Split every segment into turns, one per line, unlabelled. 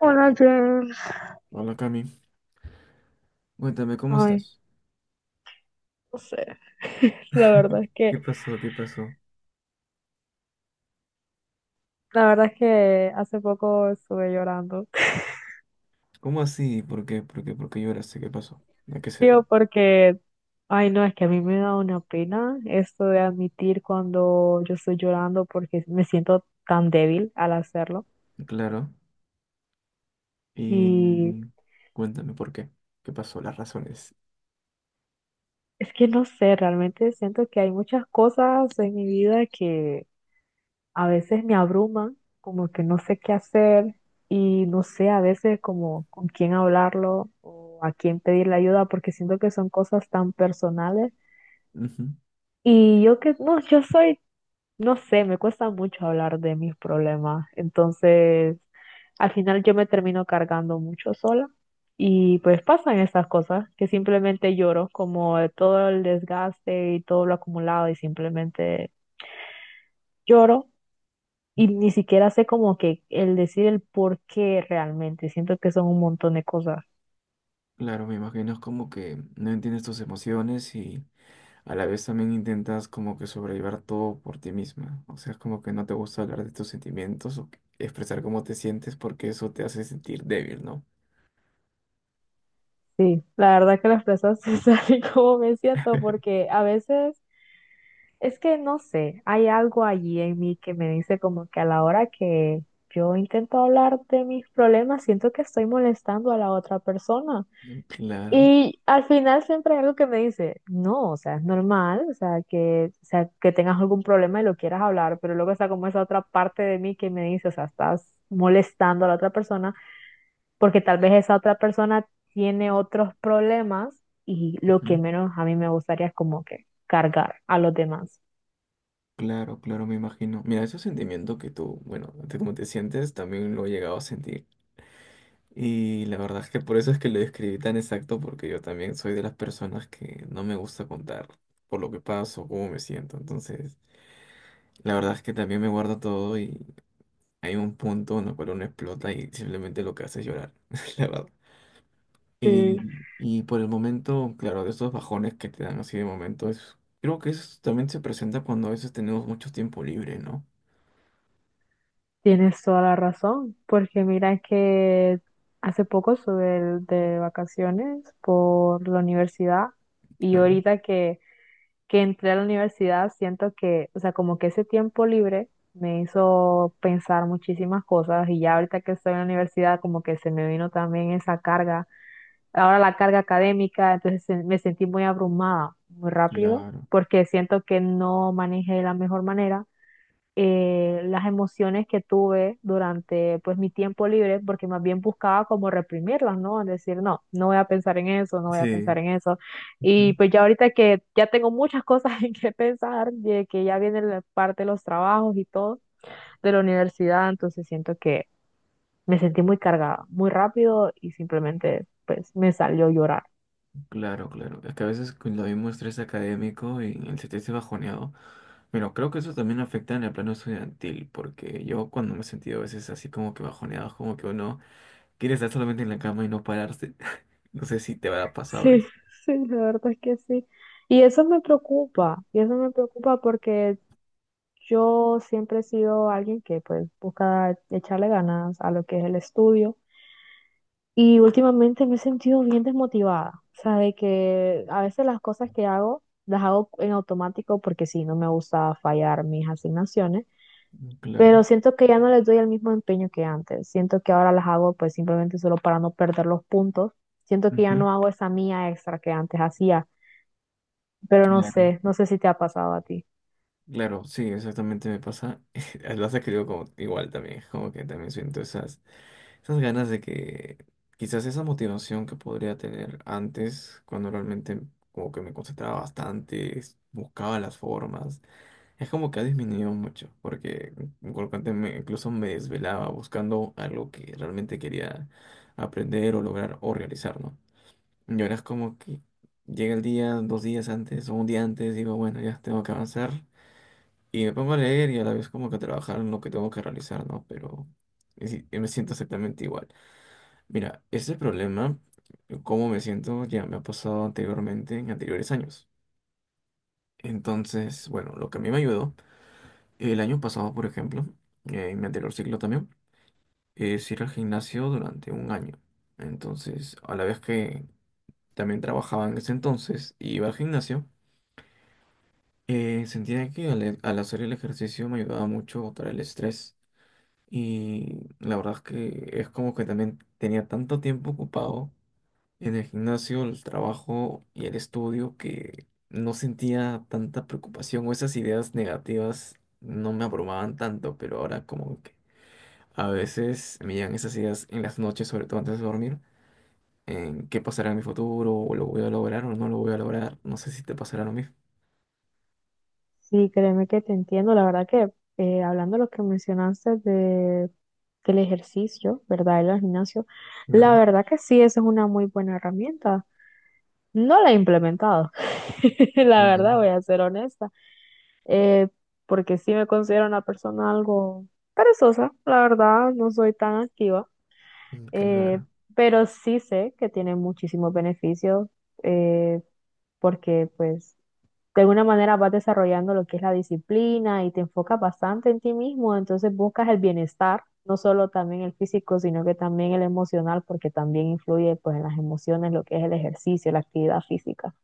Hola, James.
Hola Cami, cuéntame, ¿cómo
Ay,
estás?
no sé. La verdad es que,
¿Qué pasó? ¿Qué pasó?
la verdad es que hace poco estuve llorando.
¿Cómo así? ¿Por qué? ¿Por qué? ¿Por qué lloraste? ¿Qué pasó? ¿A qué se
Yo
debe?
porque, ay, no, es que a mí me da una pena esto de admitir cuando yo estoy llorando porque me siento tan débil al hacerlo.
Claro.
Y
Y cuéntame por qué. ¿Qué pasó? Las razones.
es que no sé, realmente siento que hay muchas cosas en mi vida que a veces me abruman, como que no sé qué hacer y no sé a veces como con quién hablarlo o a quién pedirle ayuda porque siento que son cosas tan personales
Ujú.
y yo que no, yo soy, no sé, me cuesta mucho hablar de mis problemas. Entonces al final yo me termino cargando mucho sola. Y pues pasan esas cosas que simplemente lloro, como de todo el desgaste y todo lo acumulado y simplemente lloro. Y ni siquiera sé como que el decir el por qué realmente. Siento que son un montón de cosas.
Claro, me imagino es como que no entiendes tus emociones y a la vez también intentas como que sobrellevar todo por ti misma. O sea, es como que no te gusta hablar de tus sentimientos o expresar cómo te sientes porque eso te hace sentir débil, ¿no?
Sí, la verdad que las personas se salen como me siento, porque a veces es que no sé, hay algo allí en mí que me dice como que a la hora que yo intento hablar de mis problemas, siento que estoy molestando a la otra persona.
Claro.
Y al final siempre hay algo que me dice, no, o sea, es normal, o sea, que tengas algún problema y lo quieras hablar, pero luego está como esa otra parte de mí que me dice, o sea, estás molestando a la otra persona porque tal vez esa otra persona tiene otros problemas y lo que menos a mí me gustaría es como que cargar a los demás.
Claro, claro, me imagino. Mira, ese sentimiento que tú, bueno, de cómo te sientes, también lo he llegado a sentir. Y la verdad es que por eso es que lo describí tan exacto, porque yo también soy de las personas que no me gusta contar por lo que paso, cómo me siento. Entonces, la verdad es que también me guardo todo y hay un punto en el cual uno explota y simplemente lo que hace es llorar, la verdad.
Sí,
Y, y por el momento, claro, de esos bajones que te dan así de momento, creo que eso también se presenta cuando a veces tenemos mucho tiempo libre, ¿no?
tienes toda la razón, porque mira que hace poco estuve de vacaciones por la universidad y
Claro.
ahorita que entré a la universidad, siento que, o sea, como que ese tiempo libre me hizo pensar muchísimas cosas y ya ahorita que estoy en la universidad, como que se me vino también esa carga, ahora la carga académica, entonces me sentí muy abrumada muy rápido
Claro,
porque siento que no manejé de la mejor manera las emociones que tuve durante pues mi tiempo libre, porque más bien buscaba como reprimirlas, ¿no? Es decir, no, no voy a pensar en eso, no voy a pensar
sí,
en eso. Y
ujú,
pues ya ahorita que ya tengo muchas cosas en que pensar, de que ya viene la parte de los trabajos y todo, de la universidad, entonces siento que me sentí muy cargada, muy rápido y simplemente pues me salió llorar.
claro, claro. Es que a veces cuando hay un estrés académico y el sentirse bajoneado, pero creo que eso también afecta en el plano estudiantil, porque yo cuando me he sentido a veces así como que bajoneado, es como que uno quiere estar solamente en la cama y no pararse. No sé si te habrá pasado
Sí,
eso.
sí, la verdad es que sí. Y eso me preocupa, y eso me preocupa porque yo siempre he sido alguien que pues busca echarle ganas a lo que es el estudio y últimamente me he sentido bien desmotivada, o sea, de que a veces las cosas que hago las hago en automático porque sí, no me gusta fallar mis asignaciones,
Claro.
pero siento que ya no les doy el mismo empeño que antes. Siento que ahora las hago pues simplemente solo para no perder los puntos. Siento que ya
Ujú.
no hago esa mía extra que antes hacía, pero no
Claro.
sé, no sé si te ha pasado a ti.
Claro, sí, exactamente me pasa. Lo has escrito como igual también, como que también siento esas. Esas ganas de que quizás esa motivación que podría tener antes, cuando realmente como que me concentraba bastante, buscaba las formas, es como que ha disminuido mucho, porque colocante me, incluso me desvelaba buscando algo que realmente quería aprender o lograr o realizar, ¿no? Y ahora es como que llega el día, dos días antes o un día antes, digo, bueno, ya tengo que avanzar. Y me pongo a leer y a la vez como que a trabajar en lo que tengo que realizar, ¿no? Pero me si- me siento exactamente igual. Mira, este problema, cómo me siento, ya me ha pasado anteriormente en anteriores años. Entonces, bueno, lo que a mí me ayudó, el año pasado, por ejemplo, en mi anterior ciclo también, es ir al gimnasio durante un año. Entonces, a la vez que también trabajaba en ese entonces y iba al gimnasio, sentía que al hacer el ejercicio me ayudaba mucho a botar el estrés. Y la verdad es que es como que también tenía tanto tiempo ocupado en el gimnasio, el trabajo y el estudio que no sentía tanta preocupación o esas ideas negativas no me abrumaban tanto, pero ahora como que a veces me llegan esas ideas en las noches, sobre todo antes de dormir, en qué pasará en mi futuro, o lo voy a lograr o no lo voy a lograr, no sé si te pasará lo mismo.
Sí, créeme que te entiendo. La verdad que hablando de lo que mencionaste de, del ejercicio, ¿verdad? El gimnasio, la
Claro,
verdad que sí, esa es una muy buena herramienta. No la he implementado, la verdad,
claro,
voy a ser honesta, eh, porque sí me considero una persona algo perezosa, la verdad, no soy tan activa, eh,
claro,
pero sí sé que tiene muchísimos beneficios, eh, porque pues de alguna manera vas desarrollando lo que es la disciplina y te enfocas bastante en ti mismo, entonces buscas el bienestar, no solo también el físico, sino que también el emocional, porque también influye pues en las emociones lo que es el ejercicio, la actividad física.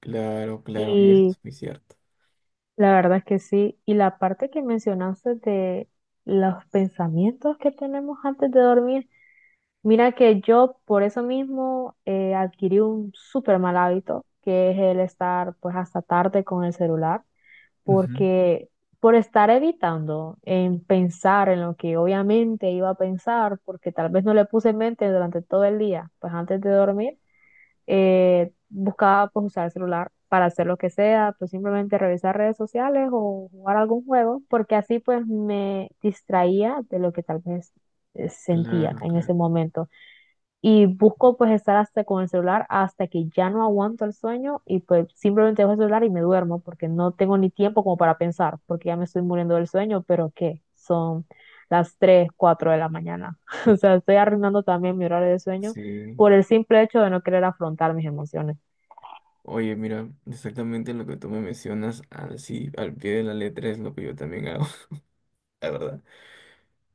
claro, claro, y eso es muy cierto.
La verdad es que sí. Y la parte que mencionaste de los pensamientos que tenemos antes de dormir, mira que yo por eso mismo adquirí un súper mal hábito, que es el estar pues hasta tarde con el celular,
Ujú.
porque por estar evitando en pensar en lo que obviamente iba a pensar, porque tal vez no le puse en mente durante todo el día, pues antes de dormir buscaba pues usar el celular para hacer lo que sea, pues simplemente revisar redes sociales o jugar algún juego, porque así pues me distraía de lo que tal vez sentía
Claro,
en ese
claro,
momento y busco pues estar hasta con el celular hasta que ya no aguanto el sueño y pues simplemente dejo el celular y me duermo porque no tengo ni tiempo como para pensar porque ya me estoy muriendo del sueño, pero ¿qué? Son las 3 4 de la mañana. O sea, estoy arruinando también mi horario de sueño
sí.
por el simple hecho de no querer afrontar mis emociones.
Oye, mira, exactamente lo que tú me mencionas, así al pie de la letra es lo que yo también hago, la verdad.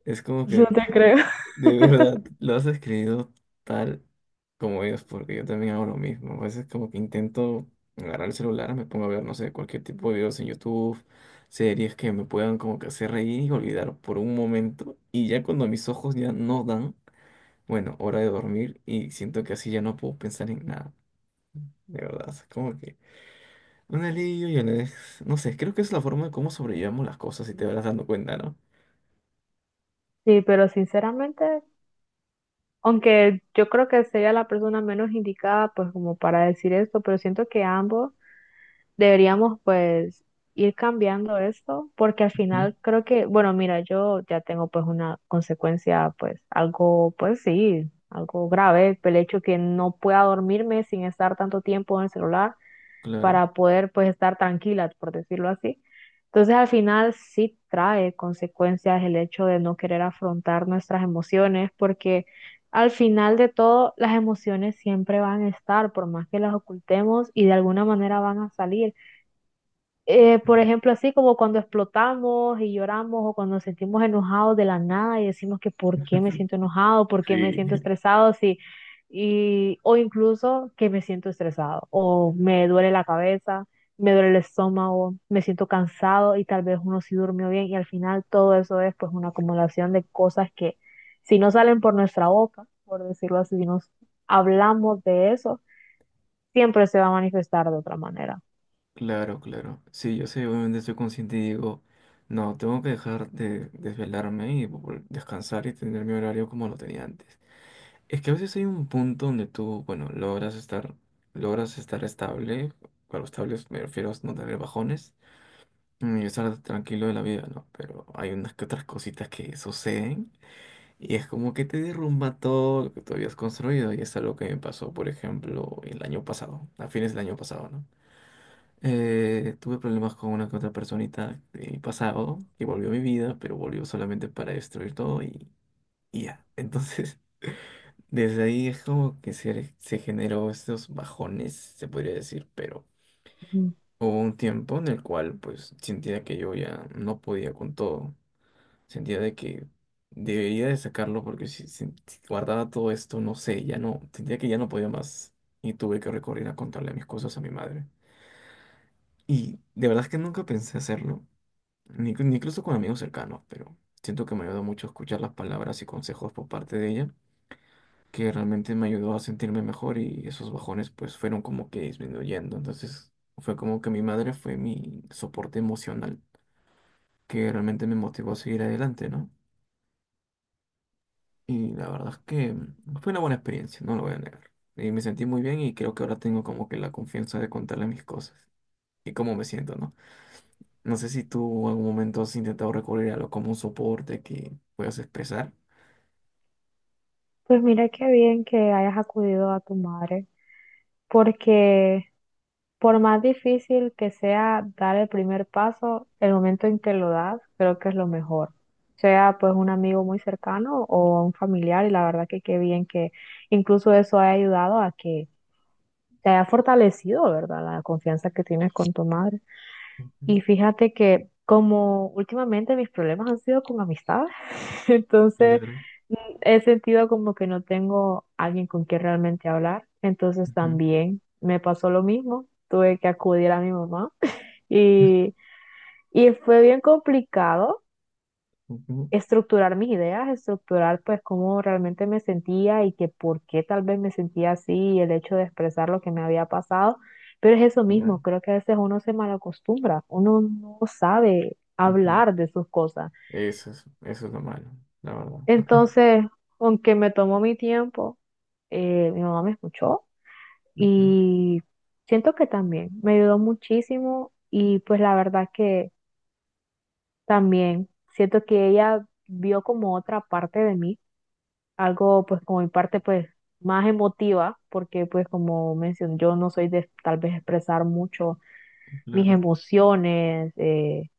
Es como
No
que
te creo.
de verdad lo has escrito tal como ellos, porque yo también hago lo mismo. A veces como que intento agarrar el celular, me pongo a ver, no sé, cualquier tipo de videos en YouTube, series que me puedan como que hacer reír y olvidar por un momento. Y ya cuando mis ojos ya no dan, bueno, hora de dormir y siento que así ya no puedo pensar en nada, de verdad. Es como que... Un alivio y un... No sé, creo que es la forma de cómo sobrellevamos las cosas, si te vas dando cuenta, ¿no?
Sí, pero sinceramente, aunque yo creo que sería la persona menos indicada pues como para decir esto, pero siento que ambos deberíamos pues ir cambiando esto, porque al
Ujú.
final creo que, bueno, mira, yo ya tengo pues una consecuencia, pues algo, pues sí, algo grave, el hecho que no pueda dormirme sin estar tanto tiempo en el celular
Claro.
para poder pues estar tranquila, por decirlo así. Entonces al final sí trae consecuencias el hecho de no querer afrontar nuestras emociones, porque al final de todo las emociones siempre van a estar, por más que las ocultemos y de alguna manera van a salir. Por ejemplo, así como cuando explotamos y lloramos o cuando nos sentimos enojados de la nada y decimos que por qué me siento enojado, por qué me
Sí.
siento estresado, sí, y, o incluso que me siento estresado o me duele la cabeza, me duele el estómago, me siento cansado y tal vez uno sí durmió bien y al final todo eso es pues una acumulación de cosas que si no salen por nuestra boca, por decirlo así, si nos hablamos de eso, siempre se va a manifestar de otra manera.
Claro, claro. Sí, yo sé, obviamente estoy consciente y digo, no, tengo que dejar de desvelarme y descansar y tener mi horario como lo tenía antes. Es que a veces hay un punto donde tú, bueno, logras estar estable, claro, estables me refiero a no tener bajones, mm, y estar tranquilo de la vida, ¿no? Pero hay unas que otras cositas que suceden. Y es como que te derrumba todo lo que tú habías construido. Y es algo que me pasó, por ejemplo, el año pasado, a fines del año pasado, ¿no? Tuve problemas con una que otra personita de mi pasado, que volvió a mi vida, pero volvió solamente para destruir todo y ya. Entonces, desde ahí es como que se generó estos bajones, se podría decir, pero hubo un tiempo en el cual pues sentía que yo ya no podía con todo. Sentía de que debería de sacarlo porque si, si guardaba todo esto, no sé, ya no, sentía que ya no podía más y tuve que recorrer a contarle mis cosas a mi madre. Y de verdad es que nunca pensé hacerlo, ni incluso con amigos cercanos, pero siento que me ayudó mucho escuchar las palabras y consejos por parte de ella, que realmente me ayudó a sentirme mejor y esos bajones pues fueron como que disminuyendo. Entonces fue como que mi madre fue mi soporte emocional, que realmente me motivó a seguir adelante, ¿no? Y la verdad es que fue una buena experiencia, no lo voy a negar. Y me sentí muy bien y creo que ahora tengo como que la confianza de contarle mis cosas y cómo me siento, ¿no? No sé si tú en algún momento has intentado recurrir a algo como un soporte que puedas expresar.
Pues mira qué bien que hayas acudido a tu madre, porque por más difícil que sea dar el primer paso, el momento en que lo das, creo que es lo mejor. Sea pues un amigo muy cercano o un familiar, y la verdad que qué bien que incluso eso haya ayudado a que te haya fortalecido, ¿verdad? La confianza que tienes con tu madre.
Ujú.
Y fíjate que como últimamente mis problemas han sido con amistades, entonces
Claro.
mm, he sentido como que no tengo alguien con quien realmente hablar. Entonces
Ujú.
también me pasó lo mismo, tuve que acudir a mi mamá y, y fue bien complicado
Ujú.
estructurar mis ideas, estructurar pues cómo realmente me sentía y que por qué tal vez me sentía así y el hecho de expresar lo que me había pasado. Pero es eso mismo,
Claro.
creo que a veces uno se malacostumbra, uno no sabe
Ujú.
hablar de sus cosas.
Eso es lo malo, la verdad.
Entonces, aunque me tomó mi tiempo, mi mamá me escuchó
Ujú.
y siento que también me ayudó muchísimo y pues la verdad que también siento que ella vio como otra parte de mí, algo pues como mi parte pues más emotiva, porque pues como mencioné, yo no soy de tal vez expresar mucho mis
Claro.
emociones,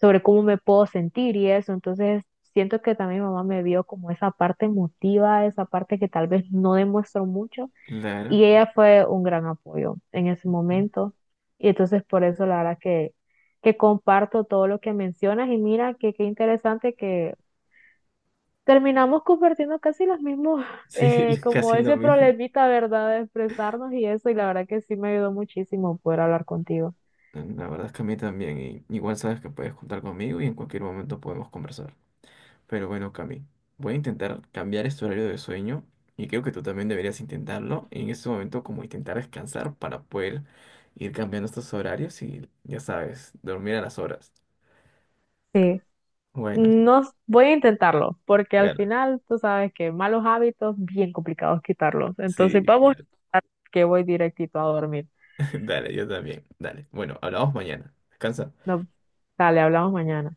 sobre cómo me puedo sentir y eso, entonces siento que también mi mamá me vio como esa parte emotiva, esa parte que tal vez no demuestro mucho
Claro.
y ella fue un gran apoyo en ese
Ujú.
momento y entonces por eso la verdad que comparto todo lo que mencionas y mira que qué interesante que terminamos compartiendo casi los mismos,
Sí,
como
casi lo
ese
mismo.
problemita, ¿verdad? De expresarnos y eso, y la verdad que sí me ayudó muchísimo poder hablar contigo.
La verdad es que a mí también. Y igual sabes que puedes contar conmigo y en cualquier momento podemos conversar. Pero bueno, Cami, voy a intentar cambiar este horario de sueño y creo que tú también deberías intentarlo en este momento, como intentar descansar para poder ir cambiando estos horarios y, ya sabes, dormir a las horas.
Sí.
Bueno,
No, voy a intentarlo, porque al
gana.
final tú sabes que malos hábitos, bien complicados quitarlos. Entonces
Sí,
vamos a intentar que voy directito a dormir.
dale, yo también. Dale. Bueno, hablamos mañana. Descansa.
No, dale, hablamos mañana.